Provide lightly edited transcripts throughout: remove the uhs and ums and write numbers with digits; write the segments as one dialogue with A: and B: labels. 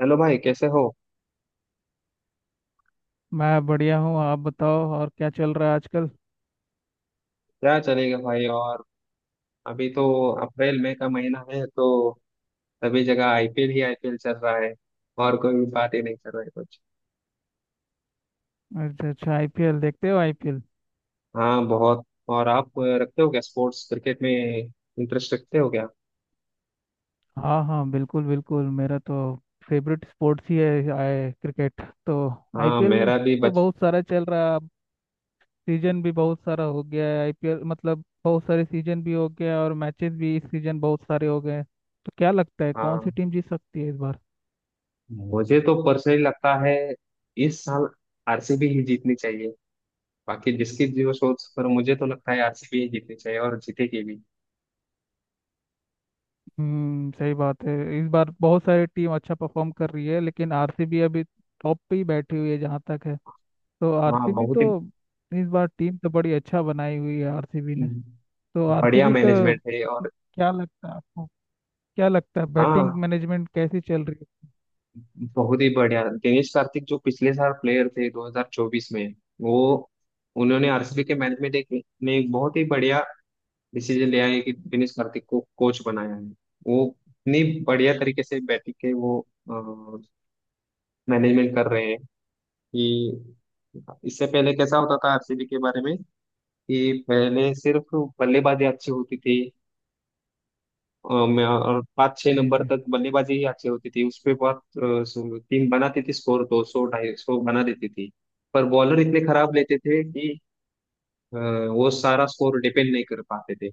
A: Hello भाई, कैसे हो?
B: मैं बढ़िया हूँ। आप बताओ और क्या चल रहा है आजकल।
A: क्या चलेगा भाई, और अभी तो अप्रैल मई का महीना है, तो सभी जगह आईपीएल ही आईपीएल चल रहा है और कोई भी बात ही नहीं चल रहा है कुछ।
B: अच्छा अच्छा, आईपीएल देखते हो आईपीएल?
A: हाँ, बहुत। और आप रखते हो क्या स्पोर्ट्स, क्रिकेट में इंटरेस्ट रखते हो क्या?
B: हाँ हाँ बिल्कुल बिल्कुल, मेरा तो फेवरेट स्पोर्ट्स ही है क्रिकेट तो।
A: हाँ,
B: आईपीएल
A: मेरा भी
B: तो
A: बच।
B: बहुत सारा चल रहा है अब। सीजन भी बहुत सारा हो गया है आईपीएल, मतलब बहुत सारे सीजन भी हो गया और मैचेस भी इस सीजन बहुत सारे हो गए हैं। तो क्या लगता है कौन सी
A: हाँ,
B: टीम जीत सकती है इस बार?
A: मुझे तो पर्सनली लगता है इस साल आरसीबी ही जीतनी चाहिए। बाकी जिसकी जो सोच, पर मुझे तो लगता है आरसीबी ही जीतनी चाहिए और जीतेगी भी।
B: हम्म, सही बात है। इस बार बहुत सारी टीम अच्छा परफॉर्म कर रही है लेकिन आरसीबी अभी टॉप पे ही बैठी हुई है जहाँ तक है। तो
A: हाँ,
B: आरसीबी
A: बहुत
B: तो
A: ही
B: इस बार टीम तो बड़ी अच्छा बनाई हुई है आरसीबी ने। तो
A: बढ़िया
B: आरसीबी का
A: मैनेजमेंट है। और
B: क्या लगता है आपको? क्या लगता है बैटिंग
A: हाँ,
B: मैनेजमेंट कैसी चल रही है?
A: बहुत ही बढ़िया दिनेश कार्तिक जो पिछले साल प्लेयर थे 2024 में, वो, उन्होंने आरसीबी के मैनेजमेंट एक ने एक बहुत ही बढ़िया डिसीजन लिया है कि दिनेश कार्तिक को कोच बनाया है। वो इतनी बढ़िया तरीके से बैटिंग के वो मैनेजमेंट कर रहे हैं, कि इससे पहले कैसा होता था आरसीबी के बारे में, कि पहले सिर्फ बल्लेबाजी अच्छी होती थी, मैं और पाँच छः
B: जी
A: नंबर
B: जी,
A: तक बल्लेबाजी ही अच्छी होती थी। उस पे बहुत टीम बनाती थी, स्कोर तो 100-250 बना देती थी। पर बॉलर इतने खराब लेते थे कि अ, वो सारा स्कोर डिपेंड नहीं कर पाते थे।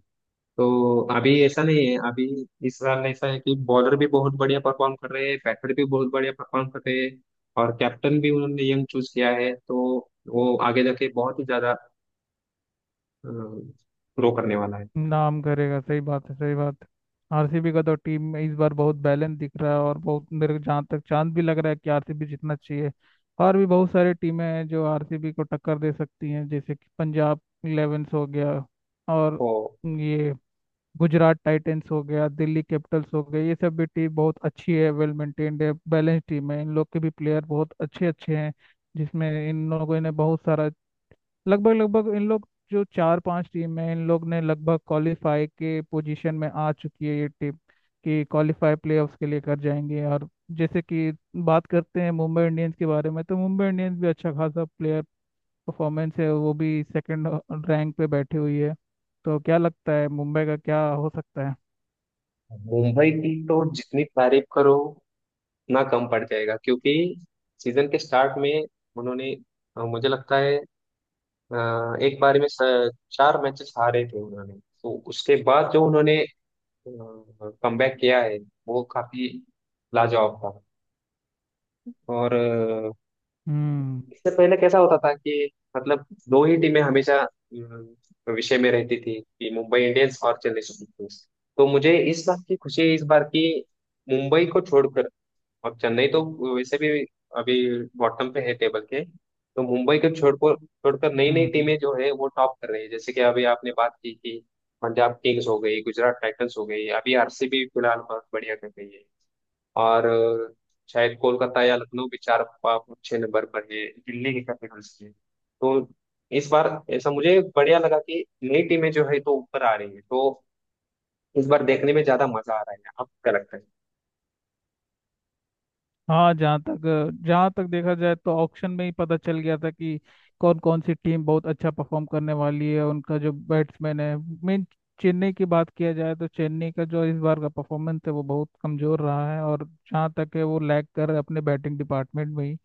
A: तो अभी ऐसा नहीं है, अभी इस साल ऐसा है कि बॉलर भी बहुत बढ़िया परफॉर्म कर रहे हैं, बैटर भी बहुत बढ़िया परफॉर्म कर रहे हैं और कैप्टन भी उन्होंने यंग चूज किया है, तो वो आगे जाके बहुत ही ज्यादा ग्रो करने वाला है।
B: नाम करेगा। सही बात है, सही बात है। आरसीबी का तो टीम में इस बार बहुत बैलेंस दिख रहा है, और बहुत मेरे को जहाँ तक चांद भी लग रहा है कि आरसीबी जितना चाहिए। और भी बहुत सारी टीमें हैं जो आरसीबी को टक्कर दे सकती हैं, जैसे कि पंजाब इलेवेंस हो गया, और
A: तो
B: ये गुजरात टाइटंस हो गया, दिल्ली कैपिटल्स हो गई। ये सब भी टीम बहुत अच्छी है, वेल मेंटेन्ड है, बैलेंस टीम है, इन लोग के भी प्लेयर बहुत अच्छे अच्छे हैं। जिसमें इन लोगों ने बहुत सारा, लगभग लगभग इन लोग जो चार पांच टीम है, इन लोग ने लगभग क्वालिफाई के पोजीशन में आ चुकी है ये टीम, कि क्वालिफाई प्लेऑफ्स के लिए कर जाएंगे। और जैसे कि बात करते हैं मुंबई इंडियंस के बारे में, तो मुंबई इंडियंस भी अच्छा खासा प्लेयर परफॉर्मेंस है, वो भी सेकंड रैंक पे बैठी हुई है। तो क्या लगता है मुंबई का क्या हो सकता है?
A: मुंबई की तो जितनी तारीफ करो ना, कम पड़ जाएगा, क्योंकि सीजन के स्टार्ट में उन्होंने, मुझे लगता है एक बार में 4 मैचेस हारे थे उन्होंने। तो उसके बाद जो उन्होंने कमबैक किया है वो काफी लाजवाब था। और
B: हम्म
A: इससे पहले कैसा होता था कि, मतलब दो ही टीमें हमेशा विषय में रहती थी कि मुंबई इंडियंस और चेन्नई सुपर किंग्स। तो मुझे इस बात की खुशी है इस बार की, मुंबई को छोड़कर और चेन्नई तो वैसे भी अभी बॉटम पे है टेबल के। तो मुंबई को छोड़कर छोड़कर नई नई
B: हम्म
A: टीमें जो है वो टॉप कर रही है, जैसे कि अभी आपने बात की कि पंजाब किंग्स हो गई, गुजरात टाइटंस हो गई, अभी आरसीबी फिलहाल बहुत बढ़िया कर रही है। और शायद कोलकाता या लखनऊ भी चार छह नंबर पर है, दिल्ली की कैपिटल्स है। तो इस बार ऐसा मुझे बढ़िया लगा कि नई टीमें जो है तो ऊपर आ रही है, तो इस बार देखने में ज्यादा मजा आ रहा है। आपको क्या लगता है?
B: हाँ, जहाँ तक देखा जाए तो ऑक्शन में ही पता चल गया था कि कौन कौन सी टीम बहुत अच्छा परफॉर्म करने वाली है उनका जो बैट्समैन है मेन। चेन्नई की बात किया जाए तो चेन्नई का जो इस बार का परफॉर्मेंस है वो बहुत कमजोर रहा है, और जहाँ तक है वो लैग कर रहा है अपने बैटिंग डिपार्टमेंट में ही।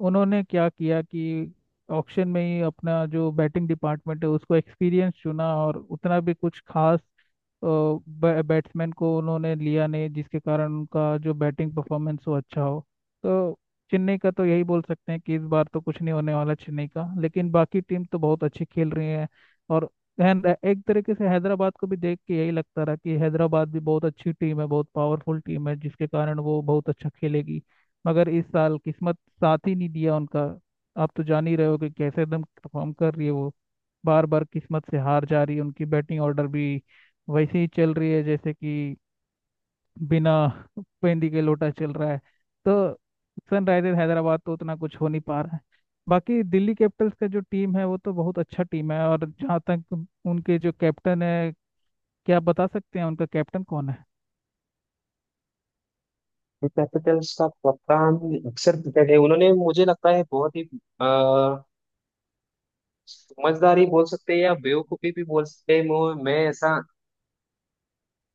B: उन्होंने क्या किया कि ऑक्शन में ही अपना जो बैटिंग डिपार्टमेंट है उसको एक्सपीरियंस चुना, और उतना भी कुछ खास बैट्समैन को उन्होंने लिया नहीं, जिसके कारण उनका जो बैटिंग परफॉर्मेंस वो अच्छा हो। तो चेन्नई का तो यही बोल सकते हैं कि इस बार तो कुछ नहीं होने वाला चेन्नई का, लेकिन बाकी टीम तो बहुत अच्छी खेल रही है। और एक तरीके से हैदराबाद को भी देख के यही लगता रहा कि हैदराबाद भी बहुत अच्छी टीम है, बहुत पावरफुल टीम है, जिसके कारण वो बहुत अच्छा खेलेगी, मगर इस साल किस्मत साथ ही नहीं दिया उनका। आप तो जान ही रहे हो कि कैसे एकदम परफॉर्म कर रही है वो। बार बार किस्मत से हार जा रही है। उनकी बैटिंग ऑर्डर भी वैसे ही चल रही है जैसे कि बिना पेंदी के लोटा चल रहा है। तो सनराइजर हैदराबाद तो उतना कुछ हो नहीं पा रहा है। बाकी दिल्ली कैपिटल्स का जो टीम है वो तो बहुत अच्छा टीम है, और जहाँ तक उनके जो कैप्टन है, क्या आप बता सकते हैं उनका कैप्टन कौन है?
A: कैपिटल्स का कप्तान अक्सर क्रिकेट है, उन्होंने मुझे लगता है बहुत ही अ, समझदारी बोल सकते हैं या बेवकूफी भी बोल सकते हैं, मैं ऐसा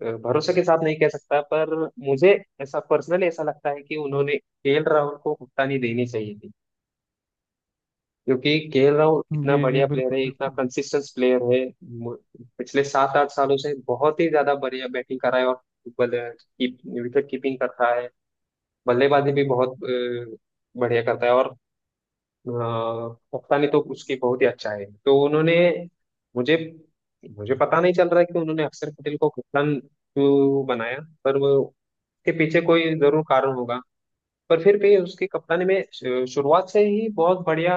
A: भरोसे के साथ नहीं कह सकता, पर मुझे ऐसा पर्सनली ऐसा लगता है कि उन्होंने केएल राहुल को कप्तानी देनी चाहिए थी, क्योंकि केएल राहुल इतना
B: जी जी
A: बढ़िया प्लेयर
B: बिल्कुल
A: है, इतना
B: बिल्कुल,
A: कंसिस्टेंट प्लेयर है। मु- पिछले 7-8 सालों से बहुत ही ज्यादा बढ़िया बैटिंग कर रहा है और बल्ले- की, विकेट कीपिंग कर रहा है, बल्लेबाजी भी बहुत बढ़िया करता है और पता नहीं तो उसकी बहुत ही अच्छा है, तो उन्होंने, मुझे मुझे पता नहीं चल रहा है कि उन्होंने अक्षर पटेल को कप्तान क्यों बनाया। पर वो उसके पीछे कोई जरूर कारण होगा, पर फिर भी उसकी कप्तानी में शुरुआत से ही बहुत बढ़िया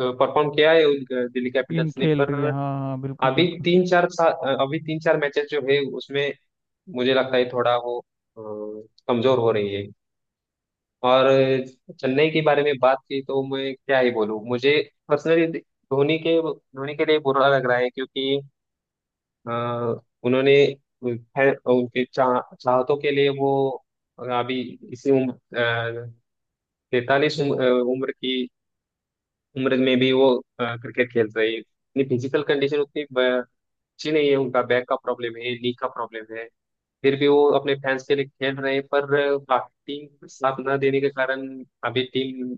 A: परफॉर्म किया है दिल्ली
B: टीम
A: कैपिटल्स ने,
B: खेल
A: पर
B: रही है। हाँ हाँ बिल्कुल
A: अभी
B: बिल्कुल।
A: अभी 3-4 मैचेस जो है उसमें मुझे लगता है थोड़ा वो अ, कमजोर हो रही है। और चेन्नई के बारे में बात की तो मैं क्या ही बोलूँ, मुझे पर्सनली धोनी के लिए बुरा लग रहा है क्योंकि अ, उन्होंने, खैर, उनके चाहतों के लिए वो अभी इसी उम्र 43 उम्र में भी वो क्रिकेट खेल रहे हैं, उनकी फिजिकल कंडीशन उतनी अच्छी नहीं है, उनका बैक का प्रॉब्लम है, नी का प्रॉब्लम है, फिर भी वो अपने फैंस के लिए खेल रहे हैं। पर बाकी टीम साथ न देने के कारण अभी टीम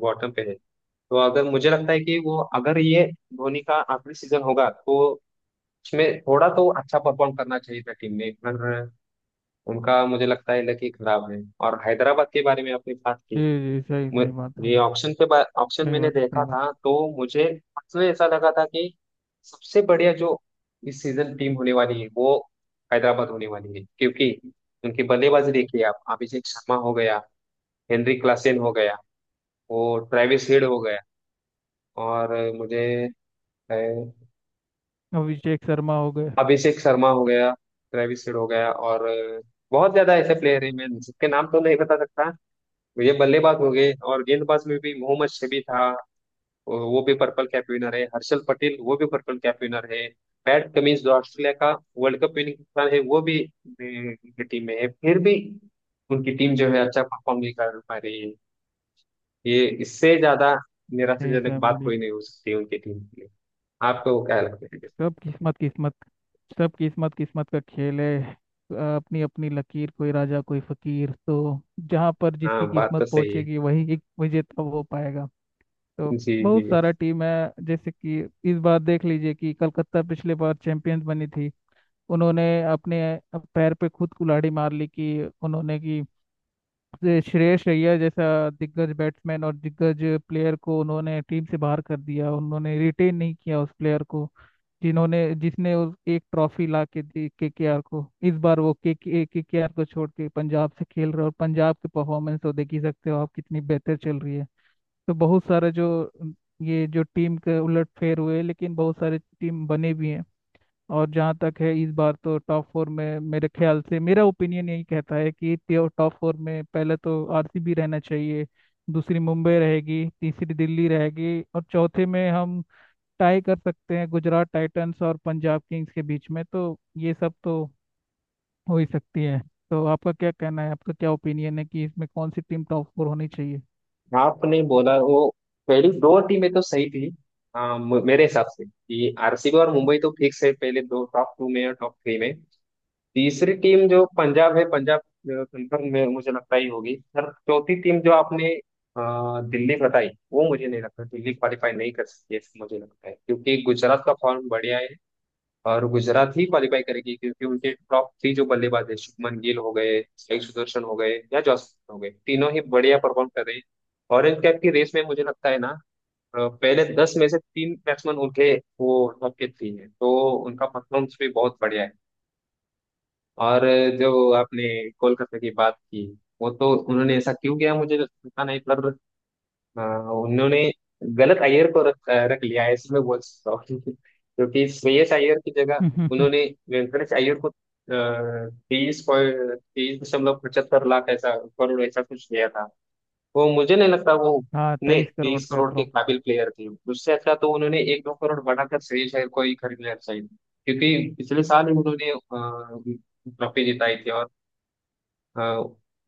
A: बॉटम पे है। तो अगर मुझे लगता है कि वो अगर ये धोनी का आखिरी सीजन होगा, तो उसमें थोड़ा तो अच्छा परफॉर्म करना चाहिए था टीम ने, पर उनका मुझे लगता है लकी खराब है। और हैदराबाद के बारे में आपने बात
B: जी
A: की,
B: जी, सही
A: मु-
B: सही बात है।
A: ये ऑप्शन के बाद ऑप्शन
B: सही
A: मैंने
B: बात, सही
A: देखा
B: बात।
A: था, तो मुझे उसमें ऐसा लगा था कि सबसे बढ़िया जो इस सीजन टीम होने वाली है वो हैदराबाद होने वाली है, क्योंकि उनकी बल्लेबाजी देखिए, आप अभिषेक शर्मा हो गया, हेनरी क्लासेन हो गया, वो ट्रेविस हेड हो गया और मुझे अ,
B: अभिषेक शर्मा हो गए।
A: अभिषेक शर्मा हो गया, ट्रेविस हेड हो गया और बहुत ज्यादा ऐसे प्लेयर हैं मैं जिसके नाम तो नहीं बता सकता, मुझे बल्लेबाज हो गए, और गेंदबाज में भी मोहम्मद शमी था, वो भी पर्पल कैप विनर है, हर्षल पटेल वो भी पर्पल कैप विनर है, पैट कमिंस जो ऑस्ट्रेलिया का वर्ल्ड कप विनिंग कप्तान है वो भी टीम में है, फिर भी उनकी टीम जो है अच्छा परफॉर्म नहीं कर पा रही है। ये इससे ज्यादा
B: नहीं,
A: निराशाजनक
B: सैम
A: बात
B: बड़ी।
A: कोई नहीं हो सकती उनकी टीम के लिए। आपको क्या लगता है?
B: सब किस्मत किस्मत सब किस्मत किस्मत का खेल है। अपनी अपनी लकीर, कोई राजा कोई फकीर। तो जहां पर
A: हाँ,
B: जिसकी
A: बात तो
B: किस्मत
A: सही है।
B: पहुंचेगी वही एक विजेता हो पाएगा। तो
A: जी
B: बहुत
A: जी।
B: सारा टीम है, जैसे कि इस बार देख लीजिए कि कलकत्ता पिछले बार चैंपियंस बनी थी, उन्होंने अपने पैर पे खुद कुल्हाड़ी मार ली कि उन्होंने कि ये श्रेयस अय्यर जैसा दिग्गज बैट्समैन और दिग्गज प्लेयर को उन्होंने टीम से बाहर कर दिया, उन्होंने रिटेन नहीं किया उस प्लेयर को, जिन्होंने जिसने उस एक ट्रॉफी ला के दी केकेआर को। इस बार वो के केकेआर को छोड़ के पंजाब से खेल रहे, और पंजाब की परफॉर्मेंस तो देख ही सकते हो आप, कितनी बेहतर चल रही है। तो बहुत सारे जो ये जो टीम के उलटफेर हुए, लेकिन बहुत सारे टीम बने भी हैं। और जहाँ तक है, इस बार तो टॉप फोर में मेरे ख्याल से मेरा ओपिनियन यही कहता है कि टॉप फोर में पहले तो आरसीबी रहना चाहिए, दूसरी मुंबई रहेगी, तीसरी दिल्ली रहेगी, और चौथे में हम टाई कर सकते हैं गुजरात टाइटंस और पंजाब किंग्स के बीच में। तो ये सब तो हो ही सकती है। तो आपका क्या कहना है, आपका क्या ओपिनियन है कि इसमें कौन सी टीम टॉप फोर होनी चाहिए?
A: आपने बोला वो पहली दो टीमें तो सही थी। हाँ, मेरे हिसाब से कि आरसीबी और मुंबई तो फिक्स है पहले दो टॉप टू में, और टॉप थ्री में तीसरी टीम जो पंजाब है, पंजाब कंफर्म में मुझे लगता ही होगी सर। चौथी टीम जो आपने अ, दिल्ली बताई, वो मुझे नहीं लगता, दिल्ली क्वालिफाई नहीं कर सकती है मुझे लगता है, क्योंकि गुजरात का फॉर्म बढ़िया है, और गुजरात ही क्वालिफाई करेगी क्योंकि उनके टॉप थ्री जो बल्लेबाज है, शुभमन गिल हो गए, साई सुदर्शन हो गए या जॉस हो गए, तीनों ही बढ़िया परफॉर्म कर रहे हैं। ऑरेंज कैप की रेस में मुझे लगता है ना, पहले 10 में से तीन बैट्समैन उनके, वो टॉप के थ्री है, तो उनका परफॉर्मेंस भी बहुत बढ़िया है। और जो आपने कोलकाता की बात की, वो तो उन्होंने ऐसा क्यों किया मुझे तो पता नहीं, पर उन्होंने गलत अय्यर को रख रख लिया है, ऐसे मैं बोल सकता हूँ क्योंकि श्रेयस अय्यर की जगह उन्होंने वेंकटेश अय्यर को तेईस पॉइंट तेईस दशमलव पचहत्तर लाख ऐसा करोड़ ऐसा कुछ दिया था। वो मुझे नहीं लगता वो
B: हाँ,
A: उतने
B: 23 करोड़
A: तेईस
B: पे
A: करोड़ के
B: अप्रोक्स।
A: काबिल प्लेयर थे। उससे अच्छा तो उन्होंने 1-2 करोड़ बढ़ाकर श्रेयस अय्यर को ही खरीद लिया शायद, क्योंकि पिछले साल ही उन्होंने ट्रॉफी जिताई थी और अ,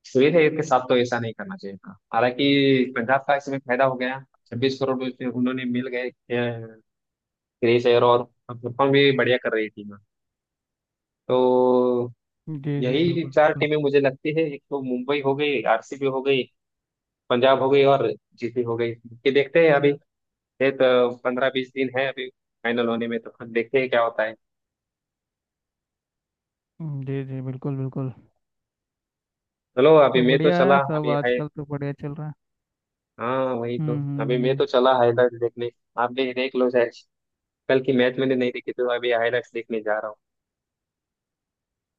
A: श्रेयस अय्यर के साथ तो ऐसा नहीं करना चाहिए था। हालांकि पंजाब का इसमें फायदा हो गया, 26 करोड़ उससे उन्होंने मिल गए श्रेयस अय्यर, और परफॉर्म भी बढ़िया कर रही थी। तो
B: जी जी
A: यही
B: बिल्कुल
A: चार
B: बिल्कुल।
A: टीमें मुझे लगती है, एक तो मुंबई हो गई, आरसीबी हो गई, पंजाब हो गई और जीटी हो गई। ये देखते हैं अभी, ये तो 15-20 दिन है अभी फाइनल होने में, तो खुद देखते हैं क्या होता है।
B: जी जी बिल्कुल बिल्कुल।
A: चलो अभी
B: तो
A: मैं तो
B: बढ़िया है,
A: चला,
B: सब
A: अभी है।
B: आजकल तो बढ़िया चल रहा है।
A: हाँ वही तो।
B: हम्म हम्म
A: अभी मैं
B: हम्म।
A: तो चला हाईलाइट देखने, आप भी देख लो शायद। कल की मैच मैंने नहीं देखी, तो अभी हाईलाइट्स देखने जा रहा हूँ।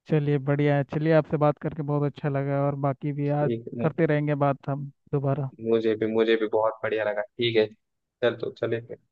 B: चलिए बढ़िया है, चलिए आपसे बात करके बहुत अच्छा लगा, और बाकी भी आज
A: ठीक है,
B: करते रहेंगे बात हम दोबारा।
A: मुझे भी बहुत बढ़िया लगा। ठीक है, चल तो चले।